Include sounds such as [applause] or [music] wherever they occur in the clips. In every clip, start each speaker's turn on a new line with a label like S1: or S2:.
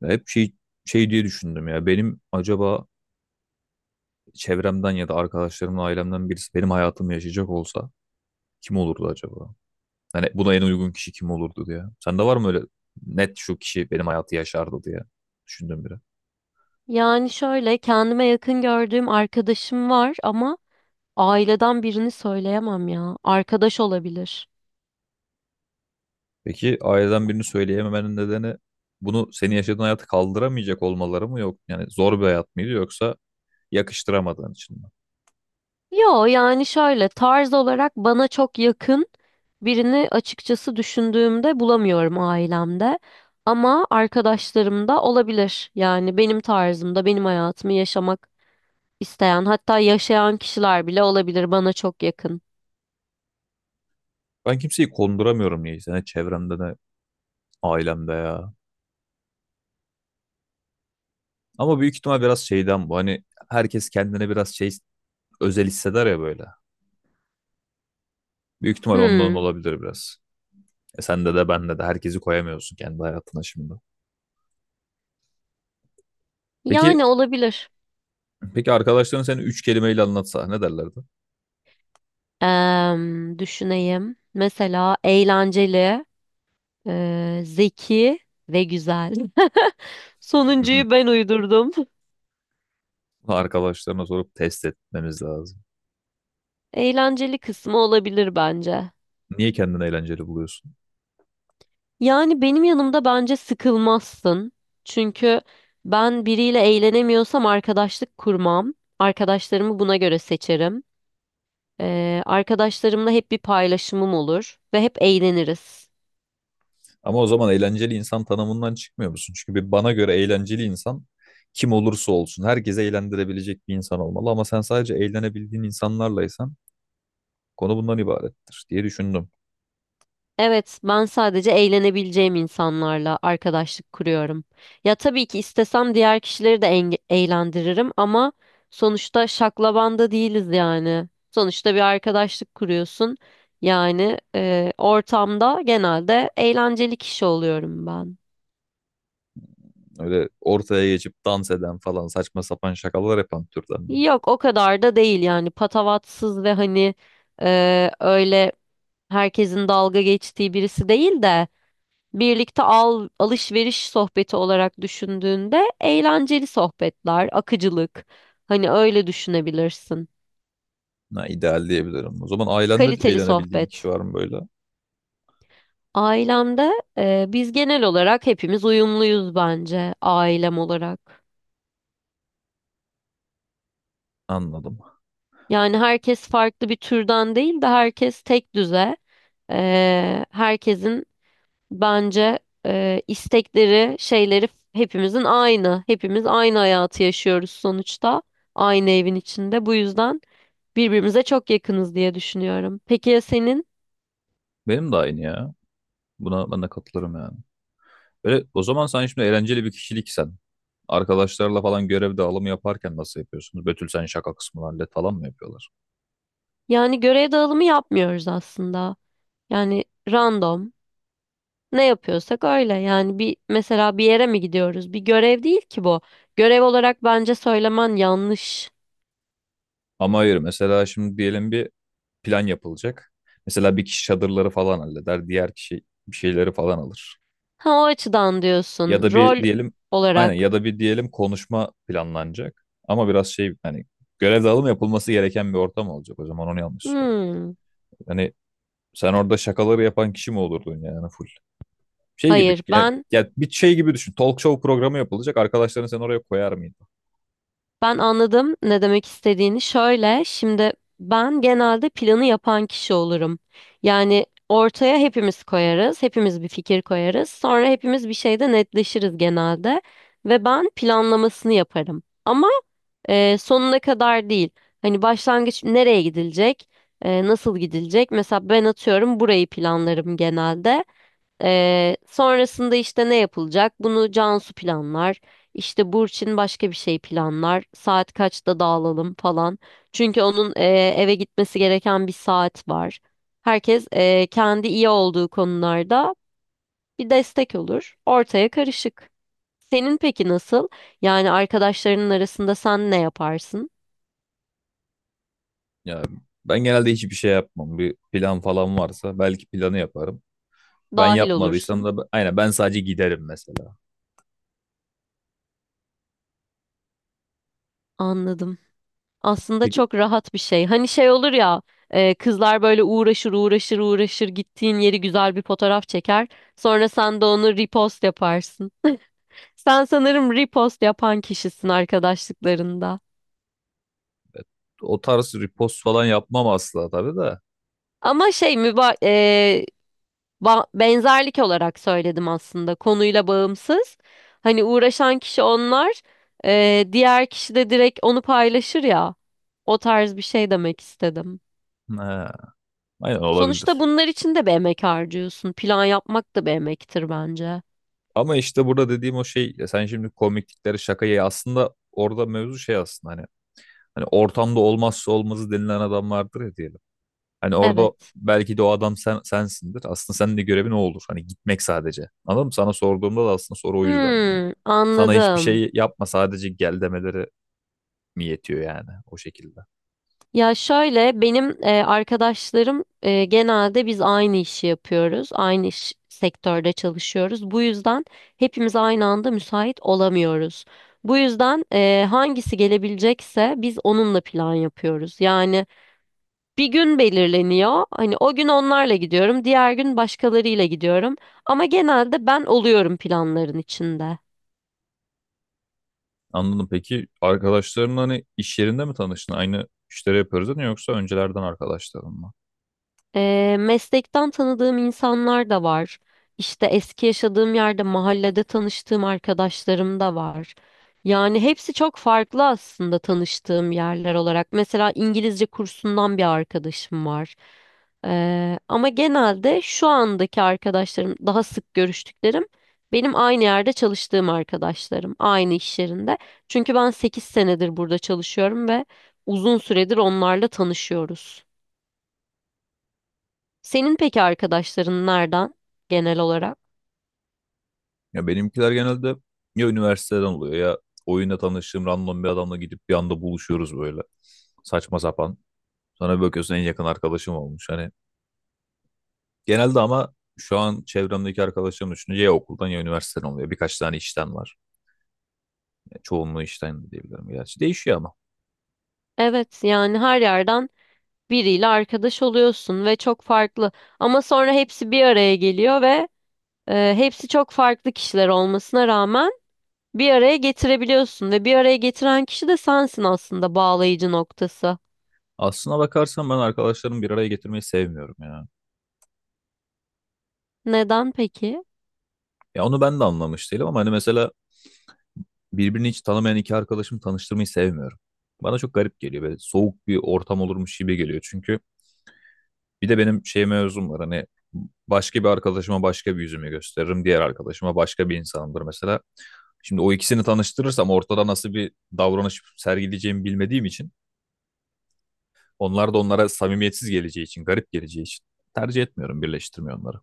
S1: Ya hep şey diye düşündüm ya. Benim acaba çevremden ya da arkadaşlarımdan, ailemden birisi benim hayatımı yaşayacak olsa kim olurdu acaba? Hani buna en uygun kişi kim olurdu diye. Sende var mı öyle net şu kişi benim hayatı yaşardı diye düşündüm biri.
S2: Yani şöyle kendime yakın gördüğüm arkadaşım var ama aileden birini söyleyemem ya. Arkadaş olabilir.
S1: Peki aileden birini söyleyememenin nedeni bunu senin yaşadığın hayatı kaldıramayacak olmaları mı yok? Yani zor bir hayat mıydı yoksa yakıştıramadığın için mi?
S2: Yo yani şöyle tarz olarak bana çok yakın birini açıkçası düşündüğümde bulamıyorum ailemde. Ama arkadaşlarımda olabilir. Yani benim tarzımda benim hayatımı yaşamak isteyen hatta yaşayan kişiler bile olabilir bana çok yakın.
S1: Ben kimseyi konduramıyorum niyeyse. Ne çevremde ne ailemde ya. Ama büyük ihtimal biraz şeyden bu. Hani herkes kendine biraz şey özel hisseder ya böyle. Büyük ihtimal ondan
S2: Hmm,
S1: olabilir biraz. E sende de bende de herkesi koyamıyorsun kendi hayatına şimdi. Peki
S2: yani olabilir.
S1: peki arkadaşların seni üç kelimeyle anlatsa ne derlerdi?
S2: Düşüneyim. Mesela eğlenceli. Zeki ve güzel. [laughs] Sonuncuyu
S1: [laughs]
S2: ben uydurdum.
S1: Arkadaşlarına sorup test etmemiz lazım.
S2: Eğlenceli kısmı olabilir bence.
S1: Niye kendini eğlenceli buluyorsun?
S2: Yani benim yanımda bence sıkılmazsın. Çünkü ben biriyle eğlenemiyorsam arkadaşlık kurmam. Arkadaşlarımı buna göre seçerim. Arkadaşlarımla hep bir paylaşımım olur ve hep eğleniriz.
S1: Ama o zaman eğlenceli insan tanımından çıkmıyor musun? Çünkü bir bana göre eğlenceli insan kim olursa olsun herkese eğlendirebilecek bir insan olmalı. Ama sen sadece eğlenebildiğin insanlarlaysan konu bundan ibarettir diye düşündüm.
S2: Evet, ben sadece eğlenebileceğim insanlarla arkadaşlık kuruyorum. Ya tabii ki istesem diğer kişileri de eğlendiririm ama sonuçta şaklabanda değiliz yani. Sonuçta bir arkadaşlık kuruyorsun. Yani ortamda genelde eğlenceli kişi oluyorum ben.
S1: Öyle ortaya geçip dans eden falan saçma sapan şakalar yapan türden.
S2: Yok o kadar da değil yani patavatsız ve hani öyle herkesin dalga geçtiği birisi değil de alışveriş sohbeti olarak düşündüğünde eğlenceli sohbetler, akıcılık. Hani öyle düşünebilirsin.
S1: Ha, ideal diyebilirim. O zaman ailende
S2: Kaliteli
S1: eğlenebildiğin kişi
S2: sohbet.
S1: var mı böyle?
S2: Ailemde biz genel olarak hepimiz uyumluyuz bence ailem olarak.
S1: Anladım.
S2: Yani herkes farklı bir türden değil de herkes tek düze. E, herkesin Bence e, istekleri, şeyleri hepimizin aynı. Hepimiz aynı hayatı yaşıyoruz sonuçta. Aynı evin içinde. Bu yüzden birbirimize çok yakınız diye düşünüyorum. Peki ya senin?
S1: Benim de aynı ya. Buna ben de katılırım yani. Böyle, o zaman sen şimdi eğlenceli bir kişiliksen. Arkadaşlarla falan görev dağılımı yaparken nasıl yapıyorsunuz? Betül sen şaka kısmını hallet falan mı yapıyorlar?
S2: Yani görev dağılımı yapmıyoruz aslında. Yani random ne yapıyorsak öyle. Yani bir mesela bir yere mi gidiyoruz? Bir görev değil ki bu. Görev olarak bence söylemen yanlış.
S1: Ama hayır mesela şimdi diyelim bir plan yapılacak. Mesela bir kişi çadırları falan halleder, diğer kişi bir şeyleri falan alır.
S2: Ha o açıdan
S1: Ya
S2: diyorsun.
S1: da bir
S2: Rol
S1: diyelim aynen
S2: olarak.
S1: ya da bir diyelim konuşma planlanacak. Ama biraz şey hani görev dağılımı yapılması gereken bir ortam olacak o zaman onu yanlış söylüyorum.
S2: Hmm.
S1: Hani sen orada şakaları yapan kişi mi olurdun yani full? Şey gibi
S2: Hayır
S1: ya,
S2: ben
S1: ya bir şey gibi düşün. Talk show programı yapılacak. Arkadaşlarını sen oraya koyar mıydın?
S2: Ben anladım ne demek istediğini. Şöyle, şimdi ben genelde planı yapan kişi olurum. Yani ortaya hepimiz koyarız, hepimiz bir fikir koyarız. Sonra hepimiz bir şeyde netleşiriz genelde ve ben planlamasını yaparım. Ama sonuna kadar değil. Hani başlangıç nereye gidilecek, nasıl gidilecek? Mesela ben atıyorum burayı planlarım genelde. Sonrasında işte ne yapılacak? Bunu Cansu planlar. İşte Burçin başka bir şey planlar. Saat kaçta dağılalım falan. Çünkü onun eve gitmesi gereken bir saat var. Herkes kendi iyi olduğu konularda bir destek olur. Ortaya karışık. Senin peki nasıl? Yani arkadaşlarının arasında sen ne yaparsın?
S1: Ya ben genelde hiçbir şey yapmam. Bir plan falan varsa belki planı yaparım. Ben
S2: Dahil
S1: yapmadıysam
S2: olursun.
S1: da aynen ben sadece giderim mesela.
S2: Anladım. Aslında
S1: Peki
S2: çok rahat bir şey. Hani şey olur ya, kızlar böyle uğraşır uğraşır uğraşır gittiğin yeri güzel bir fotoğraf çeker. Sonra sen de onu repost yaparsın. Sen sanırım repost yapan kişisin arkadaşlıklarında.
S1: o tarz repost falan yapmam asla tabii de.
S2: Ama benzerlik olarak söyledim aslında konuyla bağımsız. Hani uğraşan kişi onlar, diğer kişi de direkt onu paylaşır ya. O tarz bir şey demek istedim.
S1: Ha, aynen
S2: Sonuçta
S1: olabilir.
S2: bunlar için de bir emek harcıyorsun. Plan yapmak da bir emektir bence.
S1: Ama işte burada dediğim o şey ya sen şimdi komiklikleri şakayı aslında orada mevzu şey aslında hani ortamda olmazsa olmazı denilen adam vardır ya diyelim. Hani orada
S2: Evet.
S1: belki de o adam sen, sensindir. Aslında senin de görevin o olur. Hani gitmek sadece. Anladın mı? Sana sorduğumda da aslında soru o yüzden. Yani
S2: Hmm,
S1: sana hiçbir
S2: anladım.
S1: şey yapma sadece gel demeleri mi yetiyor yani o şekilde.
S2: Ya şöyle benim arkadaşlarım genelde biz aynı işi yapıyoruz. Aynı iş sektörde çalışıyoruz. Bu yüzden hepimiz aynı anda müsait olamıyoruz. Bu yüzden hangisi gelebilecekse biz onunla plan yapıyoruz. Bir gün belirleniyor. Hani o gün onlarla gidiyorum, diğer gün başkalarıyla gidiyorum. Ama genelde ben oluyorum planların içinde.
S1: Anladım. Peki arkadaşların hani iş yerinde mi tanıştın? Aynı işleri yapıyoruz değil mi? Yoksa öncelerden arkadaşların mı?
S2: Meslekten tanıdığım insanlar da var. İşte eski yaşadığım yerde mahallede tanıştığım arkadaşlarım da var. Yani hepsi çok farklı aslında tanıştığım yerler olarak. Mesela İngilizce kursundan bir arkadaşım var. Ama genelde şu andaki arkadaşlarım, daha sık görüştüklerim benim aynı yerde çalıştığım arkadaşlarım, aynı iş yerinde. Çünkü ben 8 senedir burada çalışıyorum ve uzun süredir onlarla tanışıyoruz. Senin peki arkadaşların nereden genel olarak?
S1: Ya benimkiler genelde ya üniversiteden oluyor ya oyunda tanıştığım random bir adamla gidip bir anda buluşuyoruz böyle. Saçma sapan. Sonra bir bakıyorsun en yakın arkadaşım olmuş. Hani genelde ama şu an çevremdeki arkadaşlarım düşününce ya okuldan ya üniversiteden oluyor. Birkaç tane işten var. Yani çoğunluğu işten de diyebilirim gerçi. Değişiyor ama.
S2: Evet yani her yerden biriyle arkadaş oluyorsun ve çok farklı. Ama sonra hepsi bir araya geliyor ve hepsi çok farklı kişiler olmasına rağmen bir araya getirebiliyorsun ve bir araya getiren kişi de sensin aslında bağlayıcı noktası.
S1: Aslına bakarsan ben arkadaşlarımı bir araya getirmeyi sevmiyorum ya.
S2: Neden peki?
S1: Ya onu ben de anlamış değilim ama hani mesela birbirini hiç tanımayan iki arkadaşımı tanıştırmayı sevmiyorum. Bana çok garip geliyor ve soğuk bir ortam olurmuş gibi geliyor. Çünkü bir de benim şey mevzum var hani başka bir arkadaşıma başka bir yüzümü gösteririm. Diğer arkadaşıma başka bir insanımdır mesela. Şimdi o ikisini tanıştırırsam ortada nasıl bir davranış sergileyeceğimi bilmediğim için onlar da onlara samimiyetsiz geleceği için, garip geleceği için tercih etmiyorum, birleştirmiyorum onları.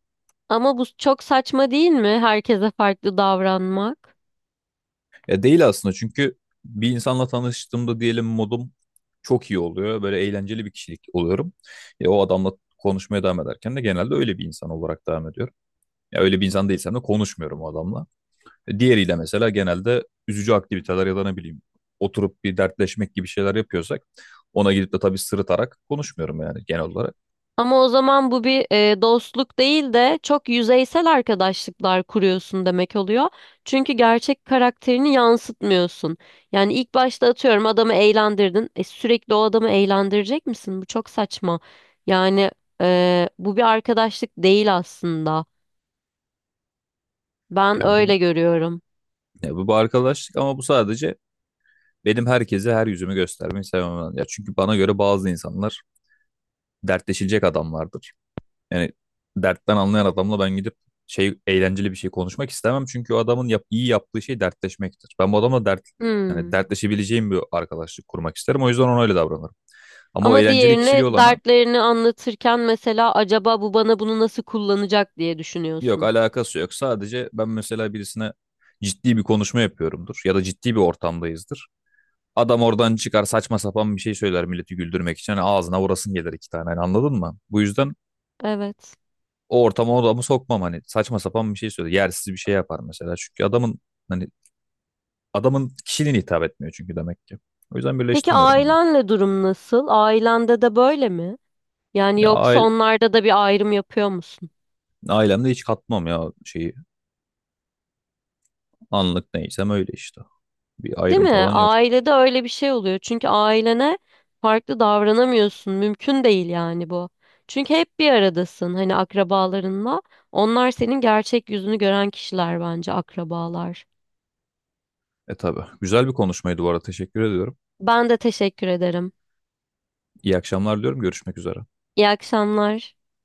S2: Ama bu çok saçma değil mi? Herkese farklı davranmak.
S1: Ya değil aslında çünkü bir insanla tanıştığımda diyelim modum çok iyi oluyor. Böyle eğlenceli bir kişilik oluyorum. Ya o adamla konuşmaya devam ederken de genelde öyle bir insan olarak devam ediyorum. Ya öyle bir insan değilsem de konuşmuyorum o adamla. Diğeriyle mesela genelde üzücü aktiviteler ya da ne bileyim oturup bir dertleşmek gibi şeyler yapıyorsak ona gidip de tabii sırıtarak konuşmuyorum yani genel olarak.
S2: Ama o zaman bu bir dostluk değil de çok yüzeysel arkadaşlıklar kuruyorsun demek oluyor. Çünkü gerçek karakterini yansıtmıyorsun. Yani ilk başta atıyorum adamı eğlendirdin. E, sürekli o adamı eğlendirecek misin? Bu çok saçma. Yani bu bir arkadaşlık değil aslında. Ben
S1: Ya bu
S2: öyle görüyorum.
S1: ya bu bir arkadaşlık ama bu sadece benim herkese her yüzümü göstermeyi sevmem. Ya çünkü bana göre bazı insanlar dertleşilecek adamlardır. Yani dertten anlayan adamla ben gidip şey eğlenceli bir şey konuşmak istemem çünkü o adamın yap, iyi yaptığı şey dertleşmektir. Ben bu adamla dert yani
S2: Hmm.
S1: dertleşebileceğim bir arkadaşlık kurmak isterim. O yüzden ona öyle davranırım. Ama o
S2: Ama
S1: eğlenceli kişiliği
S2: diğerine
S1: olana
S2: dertlerini anlatırken mesela acaba bu bana bunu nasıl kullanacak diye
S1: yok
S2: düşünüyorsun.
S1: alakası yok. Sadece ben mesela birisine ciddi bir konuşma yapıyorumdur ya da ciddi bir ortamdayızdır. Adam oradan çıkar saçma sapan bir şey söyler milleti güldürmek için. Hani ağzına vurasın gelir iki tane hani anladın mı? Bu yüzden
S2: Evet.
S1: o ortama o adamı sokmam hani saçma sapan bir şey söyler. Yersiz bir şey yapar mesela. Çünkü adamın hani adamın kişiliğine hitap etmiyor çünkü demek ki. O yüzden
S2: Peki
S1: birleştirmiyorum onu.
S2: ailenle durum nasıl? Ailende de böyle mi? Yani
S1: Ya
S2: yoksa
S1: aile,
S2: onlarda da bir ayrım yapıyor musun?
S1: ailemde hiç katmam ya şeyi. Anlık neysem öyle işte. Bir
S2: Değil
S1: ayrım
S2: mi?
S1: falan yok.
S2: Ailede öyle bir şey oluyor. Çünkü ailene farklı davranamıyorsun. Mümkün değil yani bu. Çünkü hep bir aradasın hani akrabalarınla. Onlar senin gerçek yüzünü gören kişiler bence akrabalar.
S1: E tabii. Güzel bir konuşmaydı bu arada. Teşekkür ediyorum.
S2: Ben de teşekkür ederim.
S1: İyi akşamlar diyorum. Görüşmek üzere.
S2: İyi akşamlar.